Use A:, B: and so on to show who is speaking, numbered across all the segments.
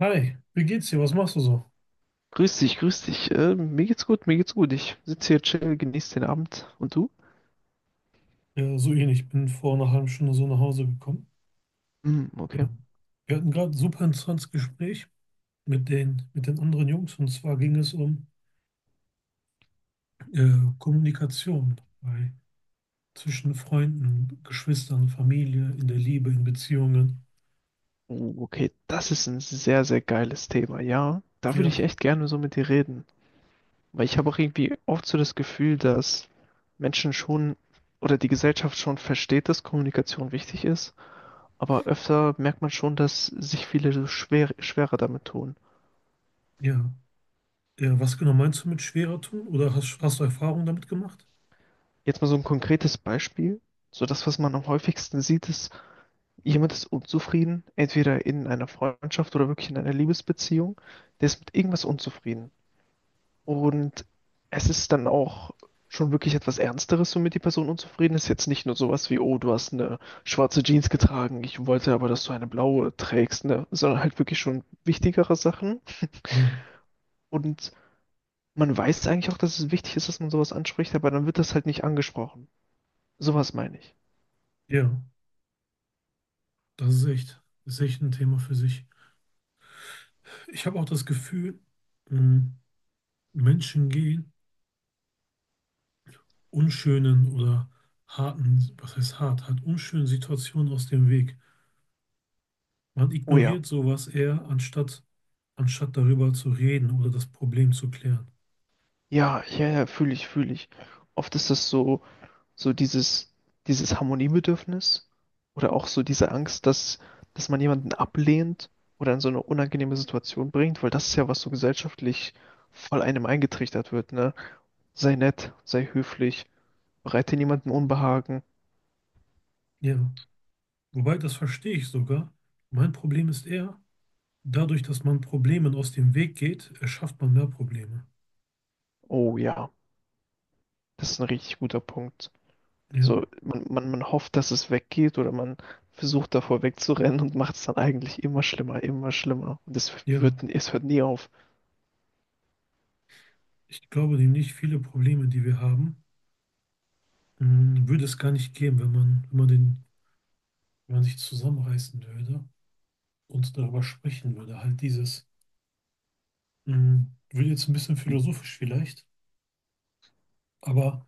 A: Hi, wie geht's dir? Was machst du so?
B: Grüß dich, grüß dich. Mir geht's gut, mir geht's gut. Ich sitze hier chill, genieße den Abend. Und du?
A: Ja, so ähnlich. Ich bin vor einer halben Stunde so nach Hause gekommen.
B: Hm,
A: Ja.
B: okay.
A: Wir hatten gerade ein super interessantes Gespräch mit den anderen Jungs und zwar ging es um Kommunikation bei, zwischen Freunden, Geschwistern, Familie, in der Liebe, in Beziehungen.
B: Oh, okay, das ist ein sehr, sehr geiles Thema. Ja, da würde ich
A: Ja,
B: echt gerne so mit dir reden. Weil ich habe auch irgendwie oft so das Gefühl, dass Menschen schon oder die Gesellschaft schon versteht, dass Kommunikation wichtig ist. Aber öfter merkt man schon, dass sich viele so schwer, schwerer damit tun.
A: ja, ja. Was genau meinst du mit schwerer tun? Oder hast du Erfahrungen damit gemacht?
B: Jetzt mal so ein konkretes Beispiel. So das, was man am häufigsten sieht, ist jemand ist unzufrieden, entweder in einer Freundschaft oder wirklich in einer Liebesbeziehung, der ist mit irgendwas unzufrieden. Und es ist dann auch schon wirklich etwas Ernsteres, womit die Person unzufrieden ist. Jetzt nicht nur sowas wie, oh, du hast eine schwarze Jeans getragen, ich wollte aber, dass du eine blaue trägst, ne? Sondern halt wirklich schon wichtigere Sachen.
A: Ja,
B: Und man weiß eigentlich auch, dass es wichtig ist, dass man sowas anspricht, aber dann wird das halt nicht angesprochen. Sowas meine ich.
A: ja. Das ist echt ein Thema für sich. Ich habe auch das Gefühl, mh, Menschen gehen unschönen oder harten, was heißt hart, halt unschönen Situationen aus dem Weg. Man
B: Oh ja.
A: ignoriert sowas eher, anstatt darüber zu reden oder das Problem zu klären.
B: Ja, ja, ja, fühle ich, fühle ich. Oft ist das so, dieses Harmoniebedürfnis oder auch so diese Angst, dass man jemanden ablehnt oder in so eine unangenehme Situation bringt, weil das ist ja, was so gesellschaftlich voll einem eingetrichtert wird, ne? Sei nett, sei höflich, bereite niemanden Unbehagen.
A: Ja, wobei das verstehe ich sogar. Mein Problem ist eher, dadurch, dass man Problemen aus dem Weg geht, erschafft man mehr Probleme.
B: Oh ja, das ist ein richtig guter Punkt.
A: Ja,
B: So, man hofft, dass es weggeht oder man versucht davor wegzurennen und macht es dann eigentlich immer schlimmer, immer schlimmer. Und
A: ja.
B: es hört nie auf.
A: Ich glaube nämlich, viele Probleme, die wir haben, würde es gar nicht geben, wenn man sich zusammenreißen würde und darüber sprechen würde. Halt dieses wird jetzt ein bisschen philosophisch vielleicht, aber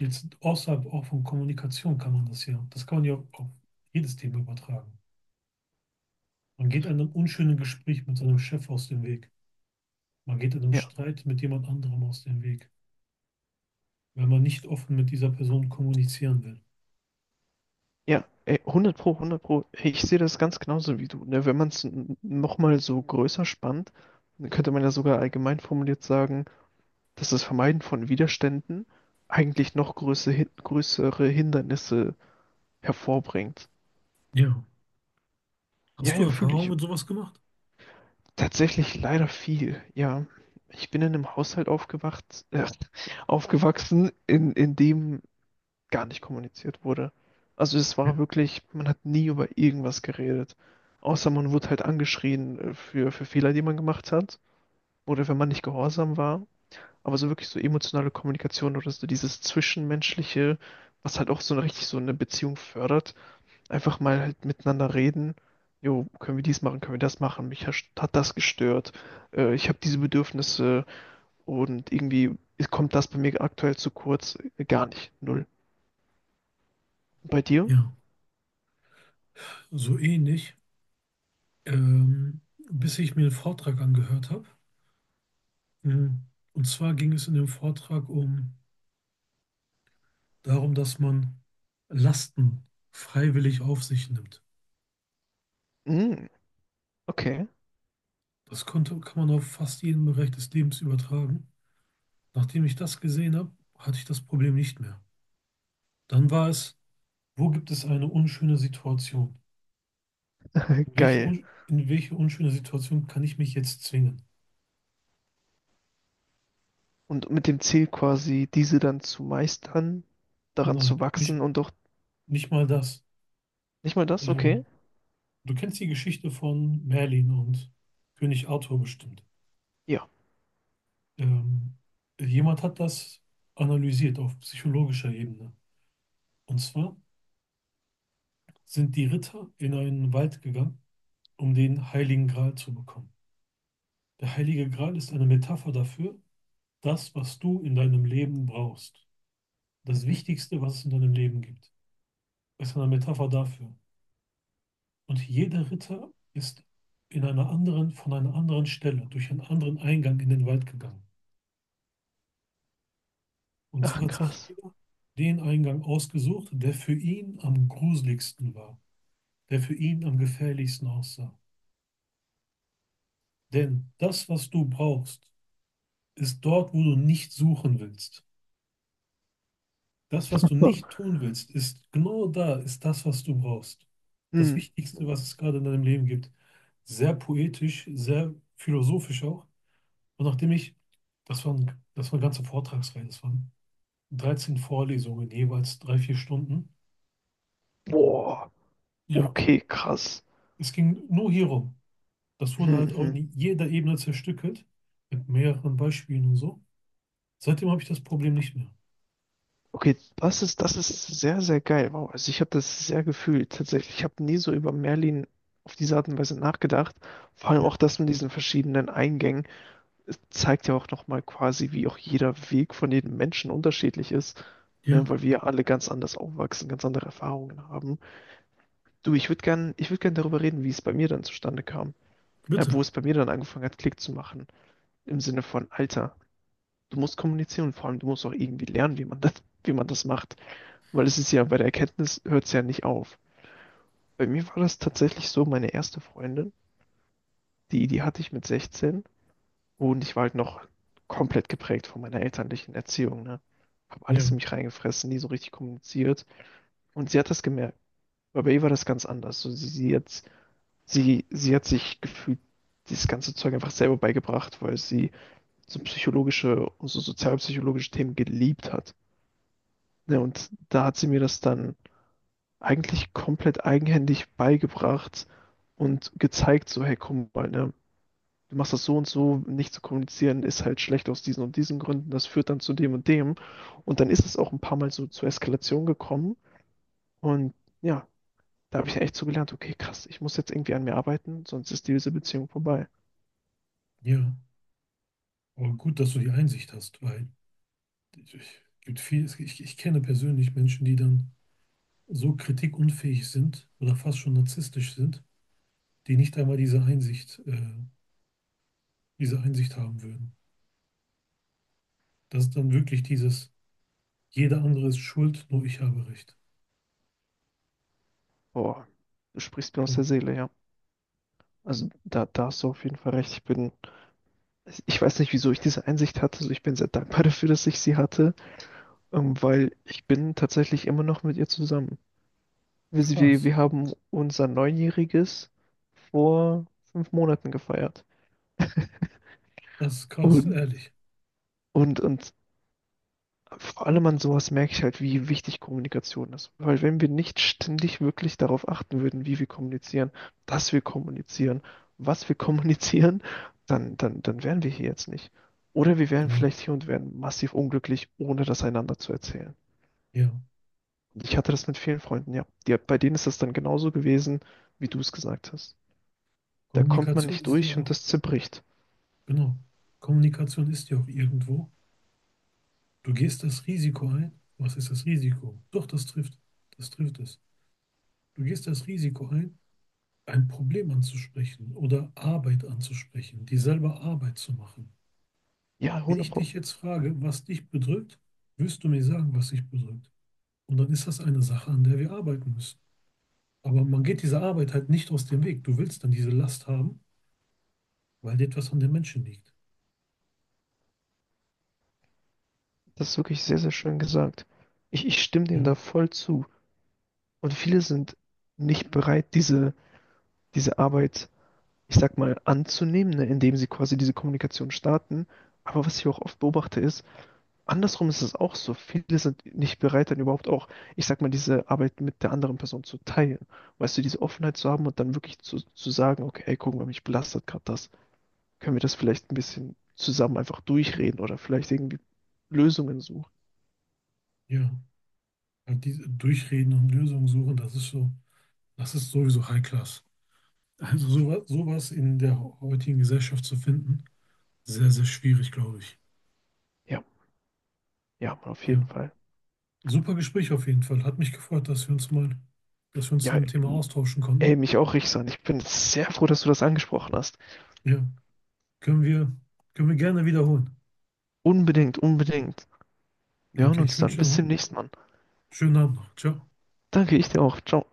A: jetzt außerhalb auch von Kommunikation kann man das ja, das kann man ja auf jedes Thema übertragen. Man geht einem unschönen Gespräch mit seinem Chef aus dem Weg. Man geht einem
B: Ja.
A: Streit mit jemand anderem aus dem Weg, wenn man nicht offen mit dieser Person kommunizieren will.
B: Ja, ey, 100 Pro, 100 Pro. Hey, ich sehe das ganz genauso wie du. Ne? Wenn man es nochmal so größer spannt, dann könnte man ja sogar allgemein formuliert sagen, dass das Vermeiden von Widerständen eigentlich noch größere Hindernisse hervorbringt.
A: Ja.
B: Ja,
A: Hast du
B: ja, fühle
A: Erfahrung
B: ich.
A: mit sowas gemacht?
B: Tatsächlich leider viel. Ja, ich bin in einem Haushalt aufgewachsen, in dem gar nicht kommuniziert wurde. Also es
A: Ja.
B: war wirklich, man hat nie über irgendwas geredet. Außer man wurde halt angeschrien für Fehler, die man gemacht hat oder wenn man nicht gehorsam war. Aber so wirklich so emotionale Kommunikation oder so dieses Zwischenmenschliche, was halt auch so eine, richtig so eine Beziehung fördert, einfach mal halt miteinander reden. Jo, können wir dies machen, können wir das machen? Mich hat das gestört. Ich habe diese Bedürfnisse und irgendwie kommt das bei mir aktuell zu kurz. Gar nicht. Null. Bei dir?
A: Ja, so ähnlich, ähm, bis ich mir einen Vortrag angehört habe. Hm. Und zwar ging es in dem Vortrag um darum, dass man Lasten freiwillig auf sich nimmt.
B: Mm, okay,
A: Kann man auf fast jeden Bereich des Lebens übertragen. Nachdem ich das gesehen habe, hatte ich das Problem nicht mehr. Dann war es, wo gibt es eine unschöne Situation? In welche,
B: geil.
A: un in welche unschöne Situation kann ich mich jetzt zwingen?
B: Und mit dem Ziel quasi, diese dann zu meistern, daran
A: Nein,
B: zu
A: nicht,
B: wachsen und doch
A: nicht mal das.
B: nicht mal das, okay?
A: Ähm, du kennst die Geschichte von Merlin und König Arthur bestimmt.
B: Ja.
A: Ähm, jemand hat das analysiert auf psychologischer Ebene. Und zwar sind die Ritter in einen Wald gegangen, um den Heiligen Gral zu bekommen. Der Heilige Gral ist eine Metapher dafür, das, was du in deinem Leben brauchst. Das
B: Mhm.
A: Wichtigste, was es in deinem Leben gibt, ist eine Metapher dafür. Und jeder Ritter ist in einer anderen, von einer anderen Stelle, durch einen anderen Eingang in den Wald gegangen. Und zwar
B: Ach,
A: hat sich
B: krass.
A: jeder den Eingang ausgesucht, der für ihn am gruseligsten war, der für ihn am gefährlichsten aussah. Denn das, was du brauchst, ist dort, wo du nicht suchen willst. Das, was du
B: Ah,
A: nicht tun willst, ist genau da, ist das, was du brauchst. Das
B: Hm.
A: Wichtigste, was es gerade in deinem Leben gibt. Sehr poetisch, sehr philosophisch auch. Und das waren ganze Vortragsreihen, das waren 13 Vorlesungen, jeweils drei, vier Stunden.
B: Boah.
A: Ja,
B: Okay, krass.
A: es ging nur hierum. Das wurde
B: Mhm.
A: halt auch
B: Mhm.
A: in jeder Ebene zerstückelt, mit mehreren Beispielen und so. Seitdem habe ich das Problem nicht mehr.
B: Okay, das ist sehr, sehr geil. Wow, also ich habe das sehr gefühlt tatsächlich. Ich habe nie so über Merlin auf diese Art und Weise nachgedacht. Vor allem
A: Ja,
B: auch das mit diesen verschiedenen Eingängen, zeigt ja auch nochmal quasi, wie auch jeder Weg von jedem Menschen unterschiedlich ist, ne, weil
A: ja,
B: wir alle ganz anders aufwachsen, ganz andere Erfahrungen haben. Du, ich würde gern darüber reden, wie es bei mir dann zustande kam,
A: bitte.
B: wo es bei mir dann angefangen hat, Klick zu machen, im Sinne von Alter. Du musst kommunizieren und vor allem du musst auch irgendwie lernen, wie man das macht, weil es ist ja bei der Erkenntnis hört es ja nicht auf. Bei mir war das tatsächlich so, meine erste Freundin, die hatte ich mit 16. Und ich war halt noch komplett geprägt von meiner elterlichen Erziehung, ne? Hab
A: Ja,
B: alles in mich reingefressen, nie so richtig kommuniziert. Und sie hat das gemerkt. Aber bei ihr war das ganz anders. So, sie hat sich gefühlt dieses ganze Zeug einfach selber beigebracht, weil sie so psychologische und so sozialpsychologische Themen geliebt hat. Ne? Und da hat sie mir das dann eigentlich komplett eigenhändig beigebracht und gezeigt, so, hey, komm mal, ne? Du machst das so und so, nicht zu kommunizieren ist halt schlecht aus diesen und diesen Gründen, das führt dann zu dem und dem. Und dann ist es auch ein paar Mal so zur Eskalation gekommen. Und ja, da habe ich echt so gelernt, okay, krass, ich muss jetzt irgendwie an mir arbeiten, sonst ist diese Beziehung vorbei.
A: ja. Aber gut, dass du die Einsicht hast, weil ich, gibt viel, es- ich kenne persönlich Menschen, die dann so kritikunfähig sind oder fast schon narzisstisch sind, die nicht einmal diese diese Einsicht haben würden. Das ist dann wirklich dieses, jeder andere ist schuld, nur ich habe recht.
B: Boah, du sprichst mir aus der
A: Ja,
B: Seele, ja. Also da hast du auf jeden Fall recht. Ich weiß nicht, wieso ich diese Einsicht hatte. Also ich bin sehr dankbar dafür, dass ich sie hatte, weil ich bin tatsächlich immer noch mit ihr zusammen. Wir, sie- wir
A: krass,
B: wir haben unser Neunjähriges vor 5 Monaten gefeiert.
A: das ist krass,
B: Und,
A: ehrlich.
B: und vor allem an sowas merke ich halt, wie wichtig Kommunikation ist. Weil wenn wir nicht ständig wirklich darauf achten würden, wie wir kommunizieren, dass wir kommunizieren, was wir kommunizieren, dann wären wir hier jetzt nicht. Oder wir wären
A: Genau,
B: vielleicht hier und wären massiv unglücklich, ohne das einander zu erzählen.
A: ja.
B: Und ich hatte das mit vielen Freunden, ja. Die, bei denen ist das dann genauso gewesen, wie du es gesagt hast. Da kommt man
A: Kommunikation
B: nicht
A: ist ja
B: durch und
A: auch,
B: das zerbricht.
A: genau, Kommunikation ist ja auch irgendwo. Du gehst das Risiko ein. Was ist das Risiko? Doch, das trifft es. Du gehst das Risiko ein Problem anzusprechen oder Arbeit anzusprechen, dir selber Arbeit zu machen.
B: Ja,
A: Wenn
B: 100
A: ich
B: Pro.
A: dich jetzt frage, was dich bedrückt, wirst du mir sagen, was dich bedrückt. Und dann ist das eine Sache, an der wir arbeiten müssen. Aber man geht dieser Arbeit halt nicht aus dem Weg. Du willst dann diese Last haben, weil dir etwas an den Menschen liegt.
B: Das ist wirklich sehr, sehr schön gesagt. Ich stimme
A: Ja,
B: dem da voll zu. Und viele sind nicht bereit, diese Arbeit, ich sag mal, anzunehmen, ne, indem sie quasi diese Kommunikation starten. Aber was ich auch oft beobachte ist, andersrum ist es auch so. Viele sind nicht bereit, dann überhaupt auch, ich sag mal, diese Arbeit mit der anderen Person zu teilen. Weißt du, diese Offenheit zu haben und dann wirklich zu sagen, okay, ey, guck mal, mich belastet gerade das. Können wir das vielleicht ein bisschen zusammen einfach durchreden oder vielleicht irgendwie Lösungen suchen.
A: ja. Halt diese Durchreden und Lösungen suchen, das ist so, das ist sowieso High Class. Also sowas, sowas in der heutigen Gesellschaft zu finden, sehr, sehr schwierig, glaube ich.
B: Ja, ja, auf jeden
A: Ja.
B: Fall.
A: Super Gespräch auf jeden Fall. Hat mich gefreut, dass wir uns mal, dass wir uns in
B: Ja,
A: dem Thema austauschen
B: ey,
A: konnten.
B: mich auch, Richsan. Ich bin sehr froh, dass du das angesprochen hast.
A: Ja, können wir, können wir gerne wiederholen.
B: Unbedingt, unbedingt. Wir hören
A: Okay, ich
B: uns
A: wünsche
B: dann.
A: dir
B: Bis
A: noch
B: zum
A: einen
B: nächsten Mal.
A: schönen Abend noch. Ciao.
B: Danke, ich dir auch. Ciao.